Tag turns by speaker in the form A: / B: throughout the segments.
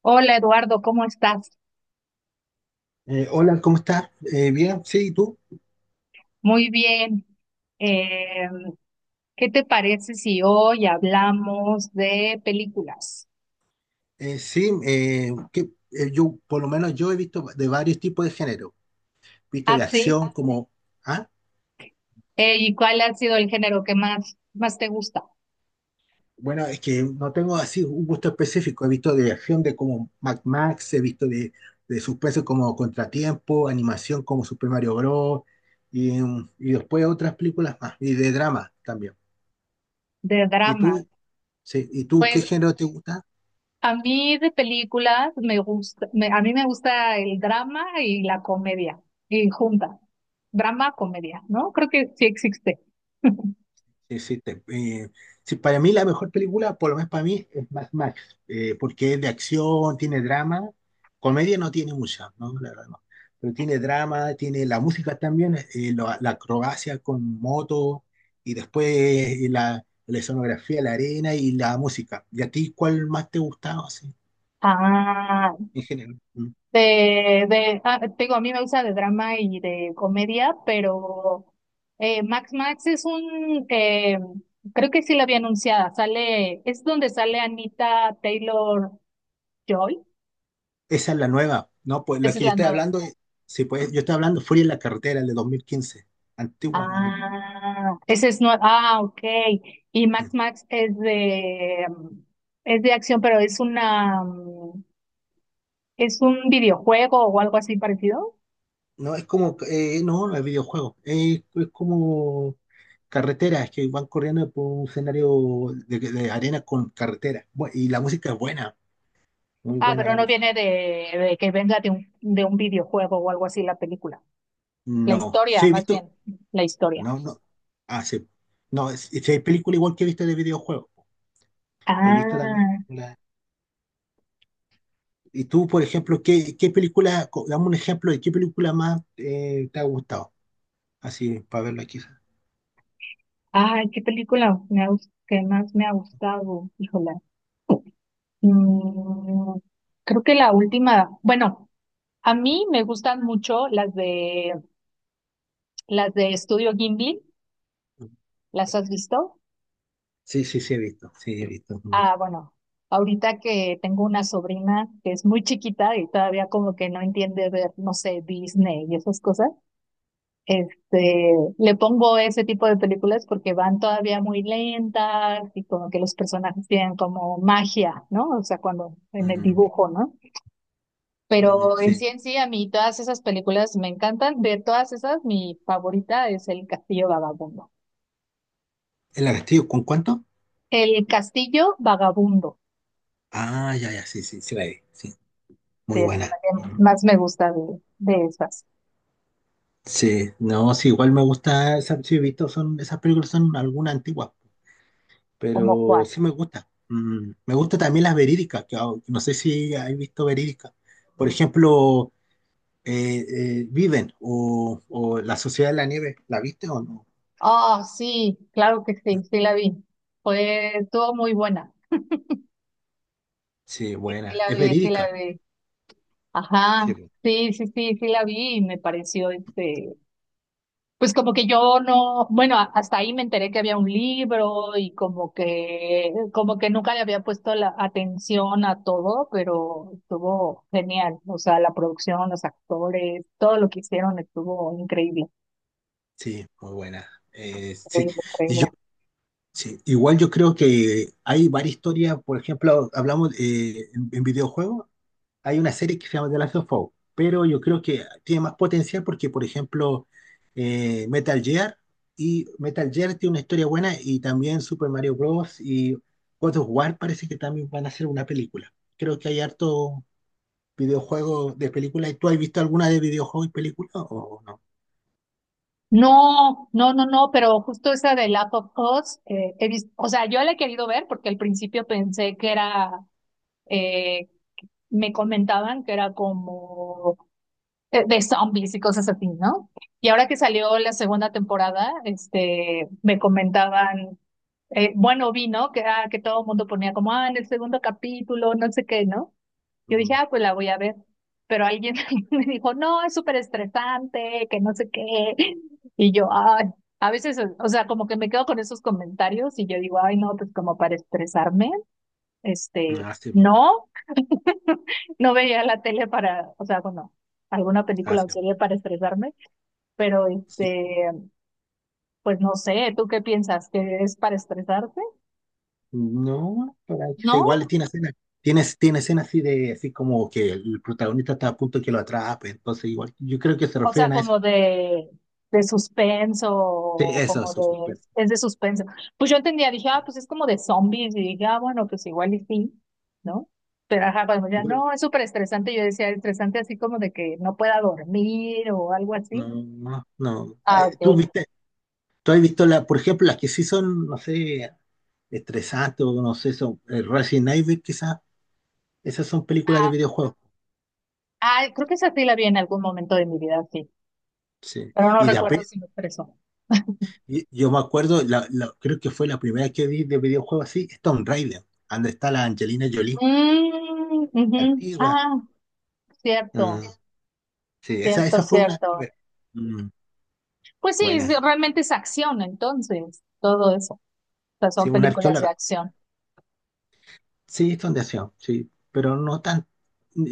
A: Hola Eduardo, ¿cómo estás?
B: Hola, ¿cómo estás? Bien, sí, ¿y tú?
A: Muy bien. Eh, ¿Qué te parece si hoy hablamos de películas?
B: Yo, por lo menos yo he visto de varios tipos de género. He visto
A: Ah,
B: de
A: sí.
B: acción como... ¿Ah?
A: ¿Y cuál ha sido el género que más te gusta?
B: Bueno, es que no tengo así un gusto específico. He visto de acción de como Mad Max, he visto de suspenso como Contratiempo, animación como Super Mario Bros. Y, y después otras películas más. Y de drama también.
A: De
B: ¿Y
A: drama.
B: tú? Sí, ¿y tú qué
A: Pues
B: género te gusta?
A: a mí de películas me gusta, a mí me gusta el drama y la comedia, y junta. Drama, comedia, ¿no? Creo que sí existe.
B: Sí, sí, sí, para mí la mejor película, por lo menos para mí, es Mad Max, porque es de acción, tiene drama, comedia no tiene mucha, ¿no? La verdad no. Pero tiene drama, tiene la música también, la acrobacia con moto, y después la escenografía, la arena y la música. ¿Y a ti cuál más te gustaba, así,
A: Ah,
B: en general? Mm.
A: Te digo, a mí me gusta de drama y de comedia, pero Max Max es un, creo que sí la había anunciada, sale, es donde sale Anita Taylor Joy,
B: Esa es la nueva, ¿no? Pues la
A: esa es
B: que yo
A: la
B: estoy
A: nueva.
B: hablando, sí, pues yo estoy hablando Furia en la carretera, el de 2015, antigua más o menos.
A: Ah, esa es nueva, ah, ok. Y
B: Mm.
A: Max Max es de, es de acción, pero es una, es un videojuego o algo así parecido.
B: No, es como, no es videojuego, es como carreteras que van corriendo por un escenario de arena con carretera. Y la música es buena, muy
A: Ah,
B: buena
A: pero
B: la
A: no
B: música.
A: viene de que venga de de un videojuego o algo así la película. La
B: No,
A: historia,
B: sí he
A: más
B: visto,
A: bien, la historia.
B: no, no, ah, sí. No, hay películas igual que he visto de videojuegos, he visto también
A: Ah,
B: películas. Y tú, por ejemplo, ¿qué, dame un ejemplo de qué película más te ha gustado? Así, para verlo aquí.
A: ay, qué película me ha, que más me ha gustado, híjola. Mm, creo que la última, bueno, a mí me gustan mucho las de Estudio Ghibli, ¿las has visto?
B: Sí, sí, sí he visto, sí he visto. Mm,
A: Ah, bueno, ahorita que tengo una sobrina que es muy chiquita y todavía como que no entiende ver, no sé, Disney y esas cosas. Este, le pongo ese tipo de películas porque van todavía muy lentas y como que los personajes tienen como magia, ¿no? O sea, cuando en el
B: mm,
A: dibujo, ¿no?
B: mm,
A: Pero en sí,
B: sí.
A: en sí, a mí todas esas películas me encantan. De todas esas, mi favorita es El Castillo Vagabundo.
B: ¿El Castillo con cuánto?
A: El Castillo Vagabundo,
B: Ah, ya, ya, sí, sí, sí la vi, sí, muy
A: sí, es la
B: buena.
A: que más me gusta de esas,
B: Sí, no, sí, igual me gusta, sí, he visto, son, esas películas son algunas antiguas,
A: como
B: pero
A: Juan.
B: sí me gusta. Mm, me gusta también las verídicas, que ah, no sé si has visto verídicas. Por ejemplo, Viven o La Sociedad de la Nieve, ¿la viste o no?
A: Oh sí, claro que sí, sí la vi. Fue, estuvo muy buena.
B: Sí,
A: Sí
B: buena,
A: la
B: es
A: vi, sí la
B: verídica.
A: vi.
B: Sí,
A: Ajá, sí, la vi y me pareció este, pues como que yo no, bueno, hasta ahí me enteré que había un libro y como que nunca le había puesto la atención a todo, pero estuvo genial, o sea, la producción, los actores, todo lo que hicieron estuvo increíble,
B: sí, muy buena. Eh, sí,
A: increíble,
B: y
A: increíble.
B: yo, sí, igual yo creo que hay varias historias, por ejemplo, hablamos en videojuegos. Hay una serie que se llama The Last of Us, pero yo creo que tiene más potencial porque, por ejemplo, eh, Metal Gear Metal Gear tiene una historia buena y también Super Mario Bros. Y God of War parece que también van a hacer una película. Creo que hay harto videojuego de película. ¿Tú has visto alguna de videojuego y película o no?
A: No, pero justo esa de Last of Us, he visto, o sea, yo la he querido ver porque al principio pensé que era eh, me comentaban que era como de zombies y cosas así, ¿no? Y ahora que salió la segunda temporada, este, me comentaban, bueno, vi, ¿no? Que, ah, que todo el mundo ponía como, ah, en el segundo capítulo, no sé qué, ¿no? Yo dije,
B: Mm,
A: ah, pues la voy a ver. Pero alguien me dijo, no, es súper estresante, que no sé qué. Y yo, ay, a veces, o sea, como que me quedo con esos comentarios y yo digo, ay, no, pues como para estresarme, este,
B: ah, sí, pues,
A: no, no veía la tele para, o sea, bueno, alguna
B: ah,
A: película
B: sí,
A: o
B: pues.
A: serie para estresarme, pero
B: Sí.
A: este, pues no sé, ¿tú qué piensas? ¿Que es para estresarte?
B: No, sea,
A: ¿No?
B: igual tiene escenas, tiene escenas así de así como que el protagonista está a punto de que lo atrape, entonces igual yo creo que se
A: O sea,
B: refieren a eso.
A: como de
B: Sí,
A: suspenso,
B: eso,
A: como
B: eso,
A: de,
B: súper.
A: es de suspenso. Pues yo entendía, dije, ah, pues es como de zombies, y dije, ah, bueno, pues igual y sí, ¿no? Pero ajá, cuando ya
B: Bueno,
A: no, es súper estresante, yo decía, estresante así como de que no pueda dormir o algo
B: no,
A: así.
B: no, no.
A: Ah, ok.
B: ¿Tú viste, tú has visto la, por ejemplo, las que sí son, no sé, estresantes o no sé, son Resident Evil, quizás, esas son películas de videojuegos.
A: Ah, creo que esa sí la vi en algún momento de mi vida, sí,
B: Sí.
A: pero no recuerdo si me expresó.
B: Yo me acuerdo, creo que fue la primera que vi de videojuego así, es Tomb Raider, donde está la Angelina Jolie,
A: Mm, ujú.
B: antigua.
A: Ah,
B: Mm,
A: cierto,
B: sí, esa,
A: cierto,
B: esa fue una.
A: cierto.
B: Mm,
A: Pues sí,
B: buena.
A: realmente es acción, entonces, todo eso. O sea,
B: Sí,
A: son
B: una
A: películas de
B: arqueóloga.
A: acción.
B: Sí, son de acción, sí, pero no tan...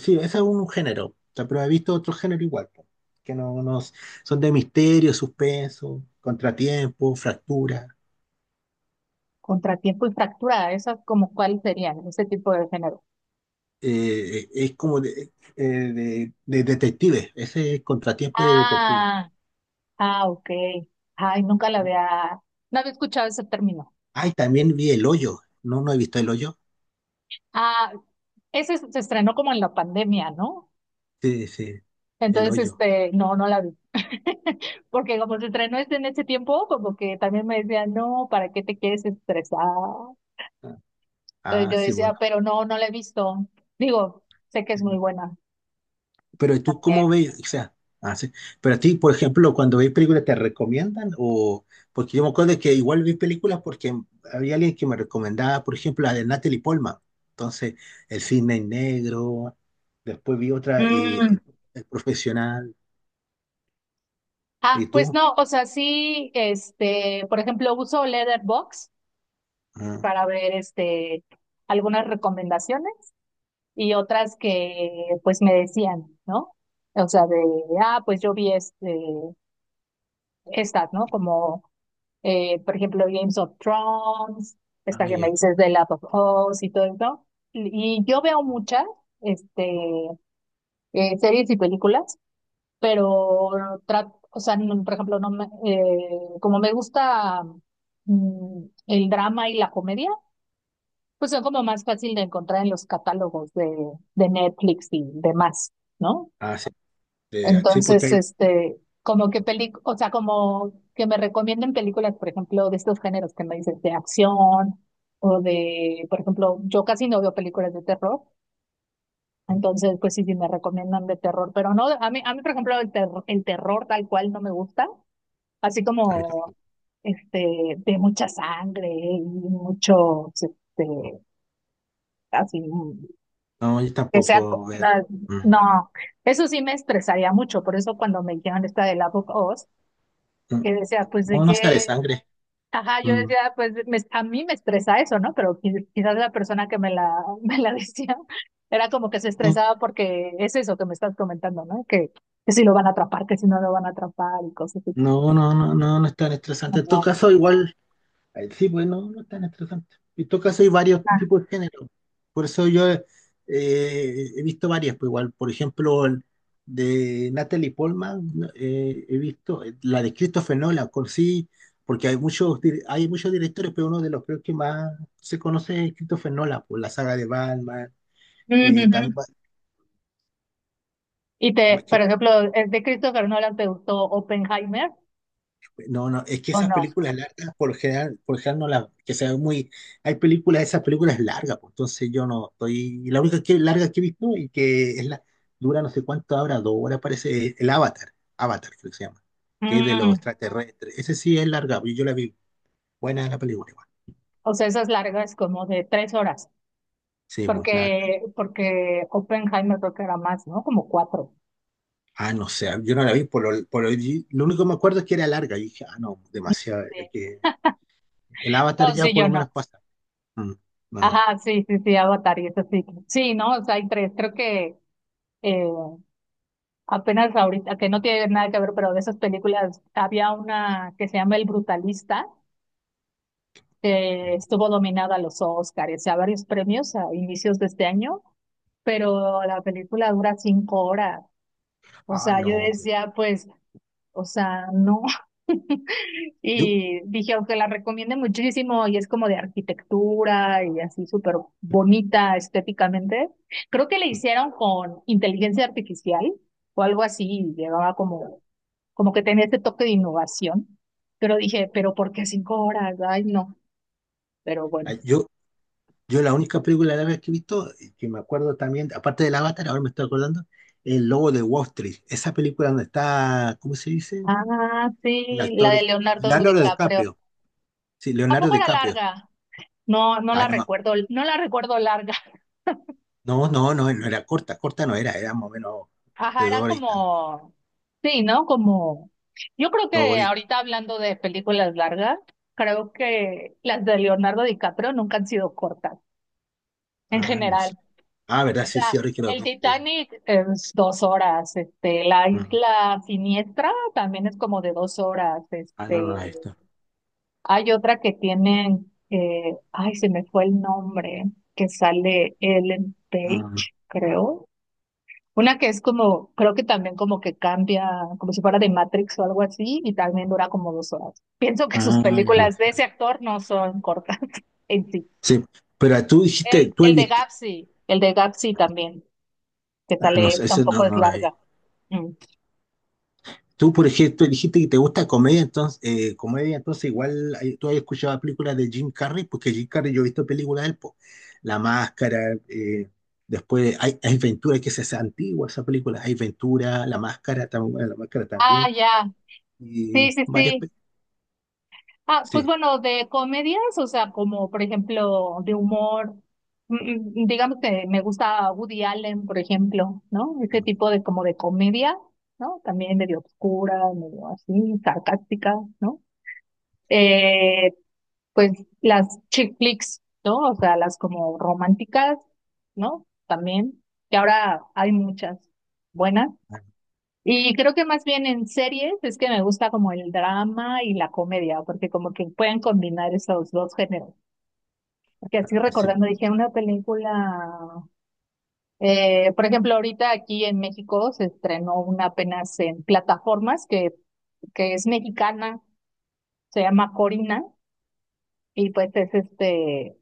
B: Sí, ese es un género, o sea, pero he visto otro género igual, po, que son de misterio, suspenso, contratiempo, fractura.
A: Contratiempo y fractura, esas como cuáles serían, ese tipo de género.
B: Es como de detective, ese es contratiempo de detective.
A: Ah, ah, ok. Ay, nunca la había, no había escuchado ese término.
B: Ay, también vi El Hoyo, ¿no? ¿No he visto El Hoyo?
A: Ah, ese se estrenó como en la pandemia, ¿no?
B: Sí, sí, El
A: Entonces,
B: Hoyo.
A: este, no, no la vi. Porque como se estrenó este en ese tiempo, como que también me decían, no, ¿para qué te quieres estresar?
B: Ah,
A: Entonces
B: ah,
A: yo
B: sí, bueno.
A: decía, pero no, no la he visto. Digo, sé que es
B: Sí.
A: muy buena.
B: Pero tú cómo
A: También.
B: ves, o sea, ah, sí. Pero a ti, por ejemplo, cuando ves películas, ¿te recomiendan? O, porque yo me acuerdo que igual vi películas porque había alguien que me recomendaba, por ejemplo, la de Natalie Polman. Entonces, El Cisne Negro, después vi otra,
A: Mm.
B: El Profesional, ¿y
A: Ah, pues
B: tú?
A: no, o sea, sí, este, por ejemplo, uso Letterboxd
B: Ah,
A: para ver, este, algunas recomendaciones y otras que, pues, me decían, ¿no? O sea, de, pues yo vi este, estas, ¿no? Como por ejemplo, Games of Thrones, esta
B: ah,
A: que me
B: ya.
A: dices de Last of Us y todo eso. Y yo veo muchas este, series y películas, pero trato, o sea, por ejemplo, no me, como me gusta mm, el drama y la comedia, pues son como más fácil de encontrar en los catálogos de Netflix y demás, ¿no?
B: Ah, sí, sí, porque
A: Entonces,
B: hay...
A: este, como que peli, o sea, como que me recomienden películas, por ejemplo, de estos géneros que me dices, de acción por ejemplo, yo casi no veo películas de terror, entonces, pues sí, sí me recomiendan de terror, pero no, a mí, por ejemplo, el terror tal cual no me gusta, así
B: Ahí está.
A: como, este, de mucha sangre y mucho, este, así,
B: No, yo
A: que sea,
B: tampoco
A: co-
B: veo.
A: no,
B: Mm,
A: no, eso sí me estresaría mucho, por eso cuando me dijeron esta de la of Us,
B: mm.
A: que decía, pues de
B: No, no sale
A: qué,
B: sangre.
A: ajá, yo
B: Mm,
A: decía, a mí me estresa eso, ¿no? Pero quizás la persona que me la, me la decía era como que se
B: no,
A: estresaba porque es eso que me estás comentando, ¿no? Que si lo van a atrapar, que si no lo van a atrapar y cosas así.
B: no, no, no, no, no es tan estresante. En
A: Ajá.
B: todo caso, igual... Ahí sí, pues no, no es tan estresante. En todo caso hay varios
A: Ah,
B: tipos de género. Por eso yo he visto varias, pues igual, por ejemplo, el de Natalie Portman, ¿no? He visto la de Christopher Nolan, con sí, porque hay muchos, hay muchos directores, pero uno de los creo que más se conoce es Christopher Nolan, por la saga de Batman,
A: ujú,
B: eh, también
A: ujú. Y te,
B: va-
A: por ejemplo, ¿el de Christopher Nolan te gustó Oppenheimer
B: No, no, es que
A: o
B: esas
A: no?
B: películas largas, por lo general no las, que se ven muy, hay películas, esas películas largas, pues, entonces yo no estoy, la única que, larga que he visto y que es la, dura no sé cuánto ahora, dos horas parece, es el Avatar, Avatar creo que se llama, que es de los
A: Mm,
B: extraterrestres, ese sí es larga, pues, yo la vi, buena la película igual,
A: o sea, esas largas como de tres horas,
B: sí, pues larga,
A: porque, porque Oppenheimer creo que era más, ¿no? Como cuatro.
B: ah, no sé, yo no la vi, lo único que me acuerdo es que era larga, y dije, ah, no,
A: No
B: demasiado,
A: sé.
B: es que el Avatar
A: No,
B: ya
A: sí,
B: por
A: yo
B: lo
A: no.
B: menos pasa, mm, no,
A: Ajá, sí, Avatar y eso sí. Sí, no, o sea, hay tres. Creo que eh, apenas ahorita, que no tiene nada que ver, pero de esas películas había una que se llama El Brutalista, que
B: mm.
A: estuvo nominada a los Oscars y a varios premios a inicios de este año, pero la película dura cinco horas. O
B: Ah,
A: sea, yo
B: no,
A: decía, pues o sea, no.
B: yo...
A: Y dije, aunque la recomiende muchísimo y es como de arquitectura y así súper bonita estéticamente, creo que le hicieron con inteligencia artificial o algo así, y llevaba como, como que tenía este toque de innovación, pero dije, pero ¿por qué cinco horas? Ay, no, pero bueno.
B: Yo, Yo la única película árabe que he visto, que me acuerdo también, aparte del Avatar, ahora me estoy acordando, El Lobo de Wall Street. Esa película donde está, ¿cómo se dice?
A: Ah,
B: El
A: sí, la
B: actor,
A: de Leonardo
B: Leonardo
A: DiCaprio.
B: DiCaprio. Sí,
A: ¿A
B: Leonardo
A: poco era
B: DiCaprio.
A: larga? No,
B: Ah, no, ma-
A: no la recuerdo larga.
B: no, no, no, no era corta, corta no era, era más o menos
A: Ajá,
B: de dos
A: era
B: horas y tanto,
A: como sí, ¿no? Como yo creo
B: dos
A: que
B: horas y tanto.
A: ahorita hablando de películas largas, creo que las de Leonardo DiCaprio nunca han sido cortas, en
B: Ah, no sé.
A: general.
B: Ah, verdad,
A: O
B: sí, sí,
A: sea,
B: ahora que lo
A: el
B: pienso, sí.
A: Titanic es dos horas, este, la
B: Mm.
A: Isla Siniestra también es como de dos horas,
B: Ah, no, no, no,
A: este,
B: esto.
A: hay otra que tienen, ay, se me fue el nombre, que sale Ellen
B: Ah,
A: Page, creo. Una que es como, creo que también como que cambia, como si fuera de Matrix o algo así, y también dura como dos horas. Pienso que sus
B: ah, ya.
A: películas de ese actor no son cortas en sí.
B: Sí, pero tú dijiste,
A: El,
B: tú has
A: el de
B: visto,
A: Gapsi, el de Gapsi también, que
B: ah, no
A: sale,
B: sé, ese
A: tampoco
B: no,
A: es
B: no, no,
A: larga. Mm.
B: tú, por ejemplo, dijiste que te gusta comedia, entonces, igual tú has escuchado películas de Jim Carrey, porque Jim Carrey yo he visto películas de él, po. La Máscara, después hay, hay Ventura, que esa es antigua, esa película, hay Ventura, La Máscara, bueno, La Máscara
A: Ah,
B: también,
A: ya. Sí,
B: y
A: sí,
B: varias
A: sí.
B: películas.
A: Ah, pues
B: Sí,
A: bueno, de comedias, o sea, como por ejemplo de humor, mm, digamos que me gusta Woody Allen, por ejemplo, ¿no? Ese tipo de como de comedia, ¿no? También medio oscura, medio así, sarcástica, ¿no? Eh, pues las chick flicks, ¿no? O sea, las como románticas, ¿no? También, que ahora hay muchas buenas.
B: ah,
A: Y creo que más bien en series es que me gusta como el drama y la comedia, porque como que pueden combinar esos dos géneros. Porque así
B: hace,
A: recordando, dije, una película, por ejemplo, ahorita aquí en México se estrenó una apenas en plataformas que es mexicana, se llama Corina, y pues es este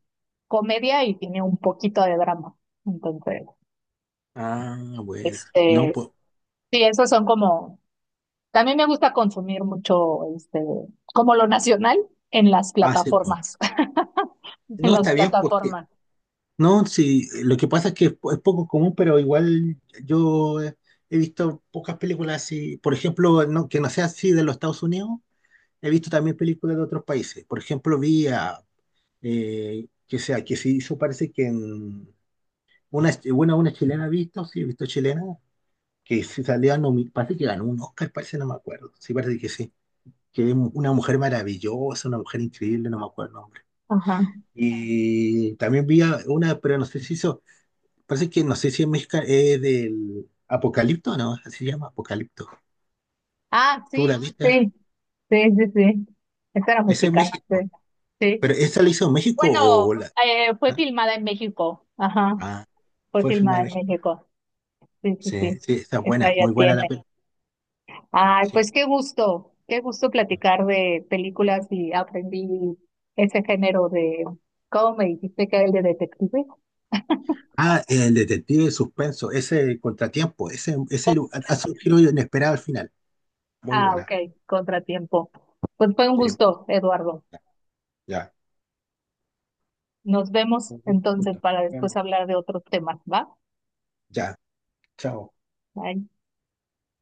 A: comedia y tiene un poquito de drama. Entonces,
B: ah, buena, no,
A: este,
B: pues,
A: sí, esos son como también me gusta consumir mucho, este, como lo nacional en las
B: hace, po.
A: plataformas, en
B: No,
A: las
B: está bien, porque
A: plataformas.
B: no, sí, lo que pasa es que es, es poco común, pero igual yo he, he visto pocas películas así, por ejemplo, no, que no sea así de los Estados Unidos, he visto también películas de otros países. Por ejemplo, vi a, que sea, que se hizo, parece que en una, bueno, una chilena he visto, sí, he visto chilena, que se salía, parece que ganó un Oscar, parece, no me acuerdo, sí, parece que sí, que es una mujer maravillosa, una mujer increíble, no me acuerdo el nombre.
A: Ajá.
B: Y también vi a una, pero no sé si hizo. Parece que no sé si es mexicana, es del Apocalipto, ¿no? Así se llama Apocalipto.
A: Ah,
B: ¿Tú la ah,
A: sí,
B: viste?
A: sí, sí, sí, sí. Esta era
B: Esa es
A: mexicana, sí,
B: México.
A: sí.
B: ¿Pero esa la hizo México
A: Bueno,
B: o la...?
A: fue
B: Ah,
A: filmada en México. Ajá,
B: ah,
A: fue
B: fue filmada
A: filmada
B: en
A: en
B: México.
A: México. Sí, sí,
B: Sí,
A: sí.
B: sí, está
A: Esta
B: buena,
A: ya
B: muy buena la
A: tiene.
B: película.
A: Ay,
B: Sí.
A: pues qué gusto platicar de películas y aprendí ese género de, ¿cómo me dijiste que era el de detective?
B: Ah, el detective de suspenso, ese contratiempo, ese hace un giro inesperado al final. Muy
A: Ah, ok,
B: buena.
A: contratiempo. Pues fue un
B: Sí,
A: gusto, Eduardo.
B: ya. Ya.
A: Nos vemos
B: Nos
A: entonces para después
B: vemos.
A: hablar de otros temas, ¿va?
B: Ya, chao.
A: Bye.